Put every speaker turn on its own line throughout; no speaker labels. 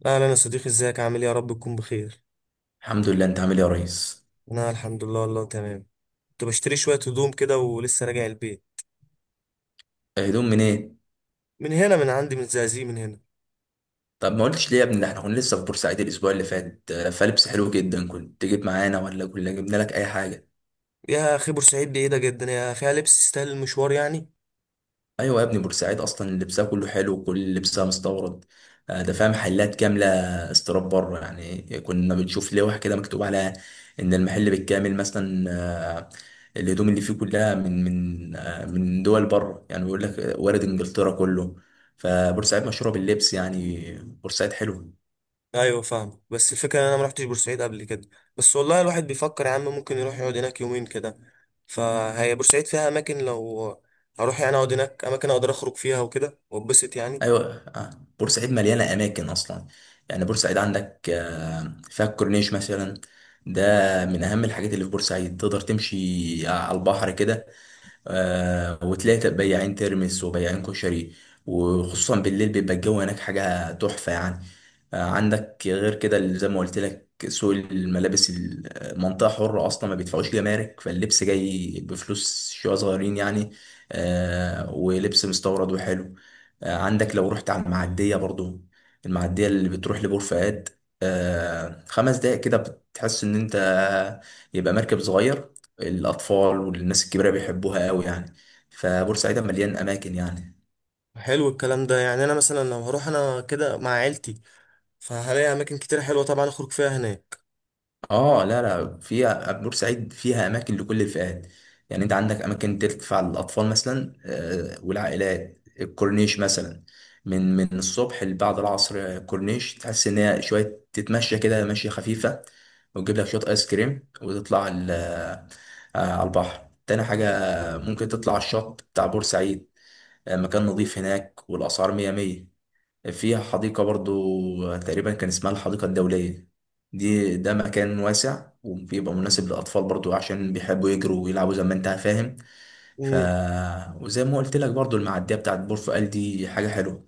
لا، لا، انا صديقي، ازيك؟ عامل ايه؟ يا رب تكون بخير.
الحمد لله. انت عامل ايه يا ريس؟
انا الحمد لله، والله تمام. كنت بشتري شويه هدوم كده ولسه راجع البيت.
هدوم منين؟
من هنا، من عندي، من الزقازيق، من هنا.
طب ما قلتش ليه يا ابني؟ ده احنا كنا لسه في بورسعيد الاسبوع اللي فات، فلبس حلو جدا، كنت تجيب معانا ولا كنا جبنا لك اي حاجه.
يا اخي بورسعيد بعيده جدا، يا فيها لبس يستاهل المشوار يعني؟
ايوه يا ابني، بورسعيد اصلا لبسها كله حلو وكل لبسها مستورد. ده فيها محلات كامله استيراد بره، يعني كنا بنشوف لوح كده مكتوب عليها ان المحل بالكامل مثلا الهدوم اللي فيه كلها من من دول بره، يعني بيقول لك وارد انجلترا كله. فبورسعيد مشهوره باللبس، يعني بورسعيد حلو.
ايوه فاهم، بس الفكره ان انا ما رحتش بورسعيد قبل كده. بس والله الواحد بيفكر يا عم ممكن يروح يقعد هناك يومين كده. فهي بورسعيد فيها اماكن، لو هروح يعني اقعد هناك اماكن اقدر اخرج فيها وكده واتبسط يعني.
ايوه آه. بورسعيد مليانه اماكن اصلا، يعني بورسعيد عندك فيها الكورنيش مثلا. ده من اهم الحاجات اللي في بورسعيد، تقدر تمشي على البحر كده. آه، وتلاقي بياعين ترمس وبياعين كشري، وخصوصا بالليل بيبقى الجو هناك حاجة تحفة يعني. آه، عندك غير كده اللي زي ما قلت لك سوق الملابس، المنطقة حرة أصلا، ما بيدفعوش جمارك، فاللبس جاي بفلوس شوية صغيرين يعني. آه، ولبس مستورد وحلو. آه، عندك لو رحت على المعدية برضو، المعدية اللي بتروح لبور فؤاد، آه، خمس دقايق كده بتحس إن أنت يبقى مركب صغير. الأطفال والناس الكبيرة بيحبوها قوي يعني. فبورسعيد مليان أماكن يعني.
حلو الكلام ده، يعني انا مثلا لو هروح انا كده مع عيلتي، فهلاقي اماكن كتير حلوه طبعا اخرج فيها هناك.
اه، لا فيها، بورسعيد فيها أماكن لكل الفئات، يعني أنت
مم.
عندك أماكن تدفع للأطفال مثلا والعائلات، الكورنيش مثلا من الصبح لبعد العصر. كورنيش تحس إن هي شوية تتمشى كده مشية خفيفة، وتجيب لك شوية آيس كريم وتطلع على البحر. تاني حاجة ممكن تطلع الشط بتاع بورسعيد، آه، مكان نظيف هناك والأسعار مية مية. فيها حديقة برضو تقريبا كان اسمها الحديقة الدولية، دي ده مكان واسع وبيبقى مناسب للأطفال برضو عشان بيحبوا يجروا ويلعبوا زي ما انت فاهم. ف
امم.
وزي ما قلت لك برضو المعدية بتاعت بورفؤال دي حاجة حلوة.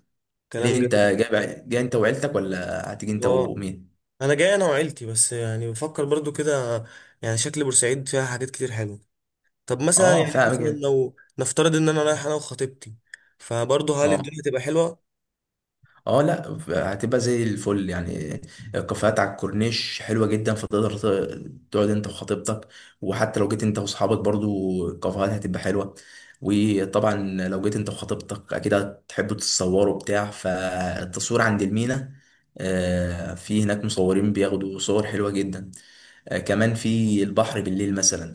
ليه
كلام
انت
جميل.
جاي انت وعيلتك ولا هتيجي انت
اه،
ومين؟
انا جاي انا وعيلتي، بس يعني بفكر برضو كده، يعني شكل بورسعيد فيها حاجات كتير حلوه. طب مثلا،
اه،
يعني
فاهم
مثلا
كده.
لو نفترض ان انا رايح انا وخطيبتي، فبرضه هل
اه.
الدنيا تبقى حلوه؟
اه لا، هتبقى زي الفل يعني. الكافيهات على الكورنيش حلوه جدا، فتقدر تقعد انت وخطيبتك، وحتى لو جيت انت واصحابك برضو الكافيهات هتبقى حلوه. وطبعا لو جيت انت وخطيبتك اكيد هتحبوا تتصوروا بتاع، فالتصوير عند المينا، آه، في هناك مصورين بياخدوا صور حلوه جدا. آه، كمان في البحر بالليل مثلا،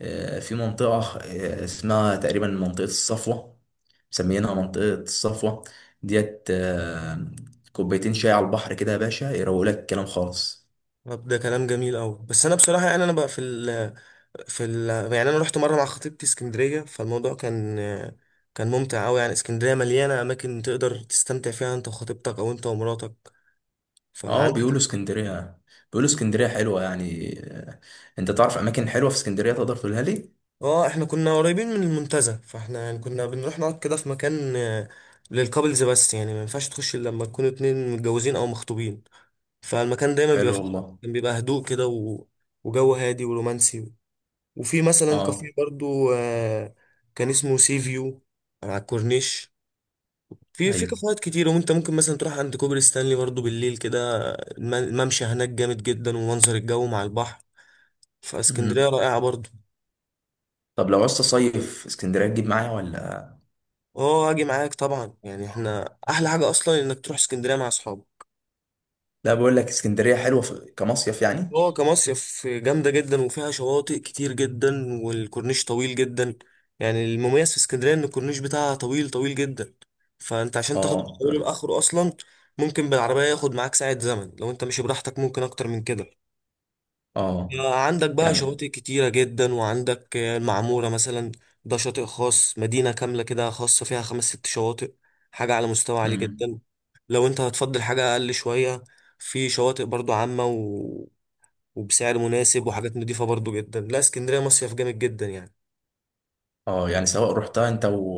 في منطقة اسمها تقريبا منطقة الصفوة، مسميينها منطقة الصفوة ديت. كوبايتين شاي على البحر كده يا باشا يروق لك الكلام خالص.
طب ده كلام جميل قوي، بس انا بصراحه يعني انا بقى في ال في ال يعني انا رحت مره مع خطيبتي اسكندريه، فالموضوع كان ممتع قوي يعني. اسكندريه مليانه اماكن تقدر تستمتع فيها انت وخطيبتك او انت ومراتك،
اه،
فعندك.
بيقولوا اسكندرية، بيقولوا اسكندرية حلوة يعني. انت تعرف اماكن حلوة في اسكندرية تقدر تقولها لي؟
اه، احنا كنا قريبين من المنتزه، فاحنا يعني كنا بنروح نقعد كده في مكان للكابلز، بس يعني ما ينفعش تخش الا لما تكونوا اتنين متجوزين او مخطوبين، فالمكان دايما بيبقى
حلو
فيه.
والله.
كان بيبقى هدوء كده وجو هادي ورومانسي. وفي مثلا كافيه
اه.
برضو، كان اسمه سي فيو، على الكورنيش. في في
ايوه.
كافيهات كتير، وانت ممكن مثلا تروح عند كوبري ستانلي برضو بالليل كده. الممشى هناك جامد جدا، ومنظر الجو مع البحر، فاسكندرية
مهم.
رائعة برضو.
طب لو عايز تصيف اسكندرية تجيب معايا ولا؟
اه، هاجي معاك طبعا، يعني احنا احلى حاجه اصلا انك تروح اسكندريه مع اصحابك.
لا، بقول لك اسكندرية حلوة كمصيف يعني.
اه، كمصيف جامده جدا، وفيها شواطئ كتير جدا، والكورنيش طويل جدا. يعني المميز في اسكندريه ان الكورنيش بتاعها طويل طويل جدا، فانت عشان تاخده من
اه.
اوله لاخره اصلا ممكن بالعربيه ياخد معاك ساعه زمن، لو انت ماشي براحتك ممكن اكتر من كده.
اه
عندك بقى
يعني.
شواطئ كتيرة جدا، وعندك المعمورة مثلا، ده شاطئ خاص، مدينة كاملة كده، خاصة فيها خمس ست شواطئ، حاجة على مستوى عالي
مم.
جدا. لو انت هتفضل حاجة أقل شوية، في شواطئ برضو عامة وبسعر مناسب، وحاجات نضيفة برضو جدا. لا اسكندرية مصيف جامد جدا يعني.
اه، يعني سواء رحتها انت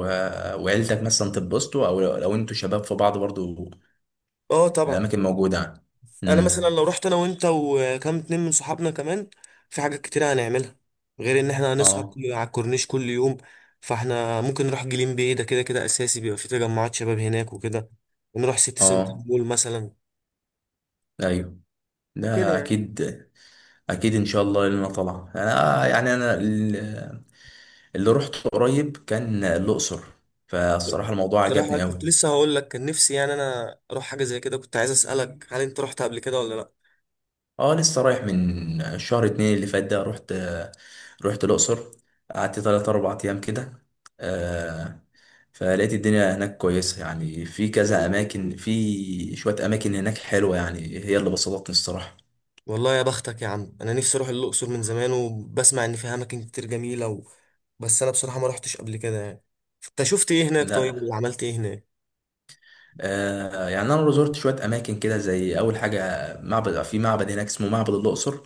وعيلتك مثلا تتبسطوا، او لو انتوا شباب في بعض برضو،
اه طبعا.
الاماكن موجوده يعني.
انا مثلا
امم.
لو رحت انا وانت وكام اتنين من صحابنا كمان، في حاجات كتير هنعملها، غير ان احنا هنسهر
اه.
على الكورنيش كل يوم. فاحنا ممكن نروح جليم باي، ده كده كده اساسي بيبقى في تجمعات شباب هناك وكده، ونروح سيتي سنتر
اه.
مول مثلا،
ايوه،
كده
ده
يعني.
اكيد. اكيد ان شاء الله لنا طلع. انا يعني اللي رحت قريب كان الاقصر، فالصراحه الموضوع
بصراحة
عجبني
كنت
قوي.
لسه هقول لك، كان نفسي يعني انا اروح حاجة زي كده، كنت عايز اسألك هل انت رحت قبل كده ولا لا؟
اه، لسه رايح من شهر اتنين اللي فات ده، رحت، رحت الأقصر. قعدت تلات أربع أيام كده. آه، فلقيت الدنيا هناك كويسة يعني، في كذا أماكن، في شوية أماكن هناك حلوة يعني، هي اللي بسطتني الصراحة.
والله يا بختك يا عم، انا نفسي اروح الاقصر من زمان، وبسمع ان فيها اماكن كتير جميلة بس انا بصراحة ما رحتش قبل كده يعني. انت شفت ايه هناك طيب،
لا.
وعملت ايه هناك؟
آه، يعني أنا زرت شوية أماكن كده، زي أول حاجة معبد، في معبد هناك اسمه معبد الأقصر.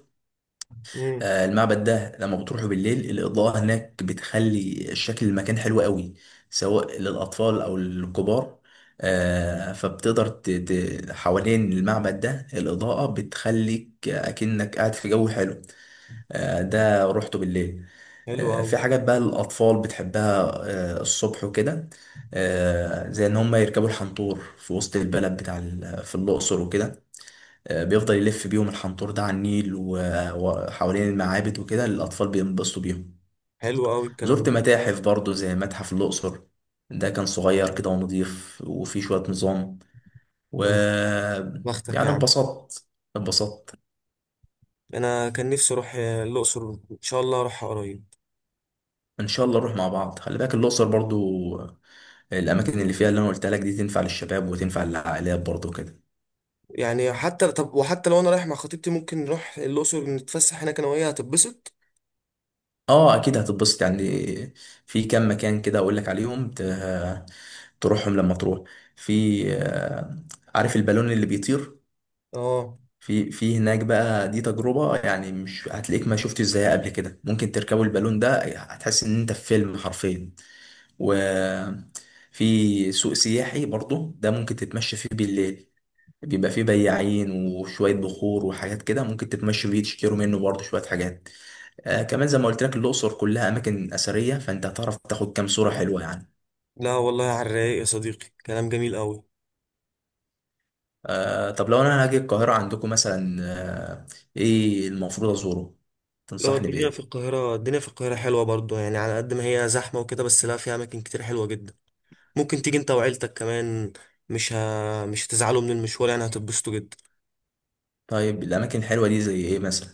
امم.
آه، المعبد ده لما بتروحوا بالليل الإضاءة هناك بتخلي شكل المكان حلو قوي، سواء للأطفال أو للكبار. آه، فبتقدر حوالين المعبد ده الإضاءة بتخليك أكنك قاعد في جو حلو. آه، ده روحته بالليل.
حلو
آه،
قوي.
في حاجات بقى للأطفال بتحبها، آه، الصبح وكده، آه، زي إن هم يركبوا الحنطور في وسط البلد بتاع في الأقصر وكده. آه، بيفضل يلف بيهم الحنطور ده على النيل وحوالين المعابد وكده، الأطفال بينبسطوا بيهم.
حلو قوي الكلام
زرت
ده.
متاحف برضو زي متحف الأقصر، ده كان صغير كده ونضيف وفيه شوية نظام. و
والله، بختك يا
يعني
عم.
اتبسطت، اتبسطت.
انا كان نفسي اروح الاقصر، ان شاء الله اروح قريب.
إن شاء الله نروح مع بعض. خلي بالك الأقصر برضو، آه، الأماكن اللي فيها اللي أنا قلت لك دي تنفع للشباب وتنفع للعائلات برضو كده.
يعني حتى، طب وحتى لو انا رايح مع خطيبتي، ممكن نروح الاقصر نتفسح هناك انا وهي هتتبسط.
اه اكيد هتتبسط يعني. في كام مكان كده اقول لك عليهم تروحهم لما تروح. في، آه، عارف البالون اللي بيطير؟
اه.
في هناك بقى دي تجربة، يعني مش هتلاقيك ما شفتش زيها قبل كده. ممكن تركبوا البالون ده، هتحس ان انت في فيلم حرفيا. وفي سوق سياحي برضو ده ممكن تتمشى فيه بالليل، بيبقى فيه بياعين وشوية بخور وحاجات كده، ممكن تتمشوا فيه تشتروا منه برضو شوية حاجات. آه كمان زي ما قلت لك الأقصر كلها أماكن أثرية، فأنت هتعرف تاخد كام صورة حلوة يعني.
لا والله على الرايق يا صديقي، كلام جميل قوي.
آه، طب لو أنا هاجي القاهرة عندكم مثلا، آه، إيه المفروض أزوره؟
لو
تنصحني
الدنيا في
بإيه؟
القاهرة، حلوة برضو يعني، على قد ما هي زحمة وكده بس، لا فيها أماكن كتير حلوة جدا. ممكن تيجي أنت وعيلتك كمان، مش هتزعلوا من المشوار، يعني هتتبسطوا جدا.
طيب الأماكن الحلوة دي زي إيه مثلا؟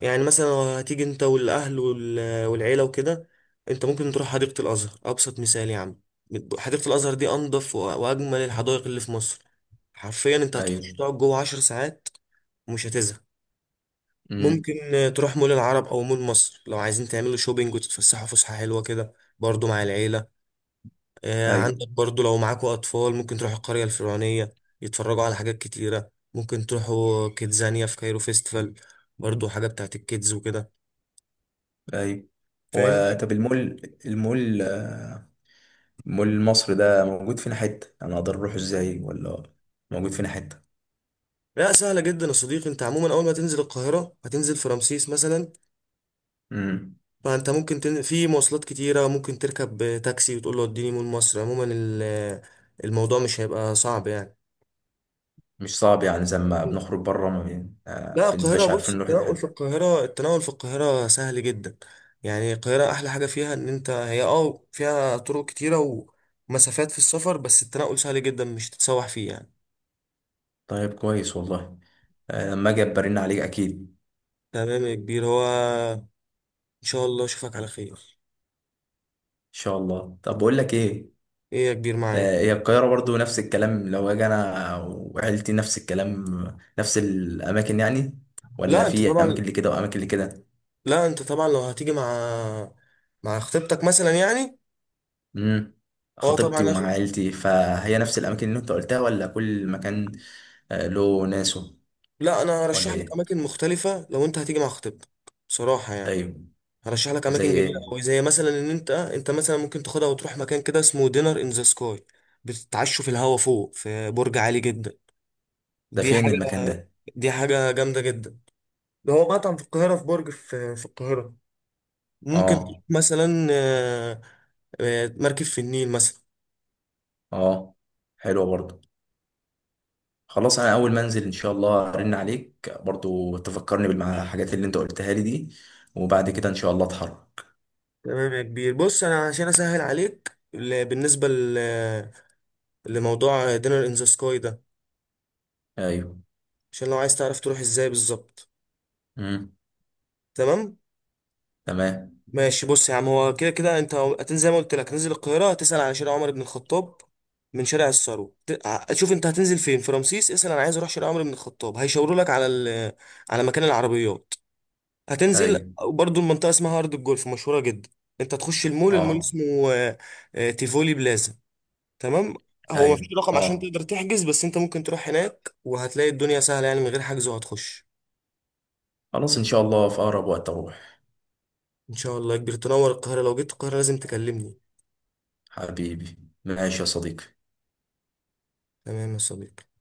يعني مثلا لو هتيجي انت والاهل والعيله وكده، انت ممكن تروح حديقه الازهر، ابسط مثال يا عم. حديقه الازهر دي انضف واجمل الحدائق اللي في مصر، حرفيا انت هتخش
أيوه.
تقعد جوه 10 ساعات ومش هتزهق.
أمم.
ممكن تروح مول العرب او مول مصر لو عايزين تعملوا شوبينج وتتفسحوا فسحه حلوه كده، برضو مع العيله.
أيوه.
عندك برضو لو معاكوا اطفال ممكن تروحوا القريه الفرعونيه يتفرجوا على حاجات كتيره، ممكن تروحوا كيدزانيا في كايرو فيستيفال، برضو حاجه بتاعت الكيدز وكده،
أيوه. هو
فاهمني.
طب المول، مول مصر ده موجود فين حتة؟ أنا أقدر أروح إزاي ولا؟ موجود فين حتة؟
لا سهلة جدا يا صديقي، انت عموما اول ما تنزل القاهرة هتنزل في رمسيس مثلا،
أمم.
فانت ممكن في مواصلات كتيرة، ممكن تركب تاكسي وتقول له اديني مول مصر. عموما الموضوع مش هيبقى صعب يعني.
مش صعب يعني، زي ما بنخرج بره ما بين-
لا
آه
القاهرة
بنبقاش
بص،
عارفين نروح
التنقل في
الحتة.
القاهرة سهل جدا. يعني القاهرة احلى حاجة فيها ان انت هي فيها طرق كتيرة ومسافات في السفر، بس التنقل سهل جدا مش تتسوح فيه يعني.
طيب كويس والله. آه، لما اجي برن عليك اكيد. ان
تمام يا كبير، هو ان شاء الله اشوفك على خير.
شاء الله. طب بقول لك ايه،
ايه يا كبير معاك؟
آه، هي القاهره برضو نفس الكلام، لو اجي انا وعيلتي نفس الكلام نفس الاماكن يعني، ولا
لا انت
في
طبعا
اماكن اللي كده واماكن اللي كده؟
لا انت طبعا لو هتيجي مع خطيبتك مثلا يعني.
امم.
اه
خطيبتي
طبعا
ومع
أفي.
عيلتي، فهي نفس الاماكن اللي انت قلتها ولا كل مكان، آه، له ناسه؟
لا انا
ولا
ارشح لك
ايه؟
اماكن مختلفه لو انت هتيجي مع خطيبتك، بصراحه يعني.
ايوه.
هرشح لك
زي
اماكن جميله
ايه؟
قوي، زي مثلا ان انت انت مثلا ممكن تاخدها وتروح مكان كده اسمه دينر ان ذا سكاي، بتتعشوا في الهوا فوق في برج عالي جدا.
ده
دي
فين
حاجه.
المكان ده؟
دي حاجه جامده جدا. ده هو مطعم في القاهره، في برج في القاهره. ممكن تروح
اه.
مثلا، مركب في النيل مثلا.
اه، حلوه برضو. خلاص، انا اول ما انزل ان شاء الله ارن عليك برضو، تفكرني بالحاجات اللي انت قلتها لي دي، وبعد كده ان شاء الله اتحرك.
تمام يا كبير، بص انا عشان اسهل عليك بالنسبه لموضوع دينر ان ذا سكاي ده،
ايوه.
عشان لو عايز تعرف تروح ازاي بالظبط.
امم.
تمام.
تمام.
ماشي بص يا عم، هو كده كده انت هتنزل زي ما قلت لك، هتنزل القاهره، هتسال على شارع عمر بن الخطاب. من شارع الثروه، شوف انت هتنزل فين، في رمسيس اسال انا عايز اروح شارع عمر بن الخطاب، هيشاوروا لك على مكان العربيات، هتنزل.
ايوه.
برضو المنطقه اسمها ارض الجولف، مشهوره جدا. انت تخش المول، المول
اه.
اسمه تيفولي بلازا. تمام. هو
ايوه.
مفيش رقم عشان
اه.
تقدر تحجز، بس انت ممكن تروح هناك وهتلاقي الدنيا سهلة يعني، من غير حجز وهتخش.
خلاص ان شاء الله في اقرب وقت اروح.
ان شاء الله يا كبير تنور القاهرة، لو جيت القاهرة لازم تكلمني.
حبيبي. ماشي يا صديقي.
تمام يا صديقي.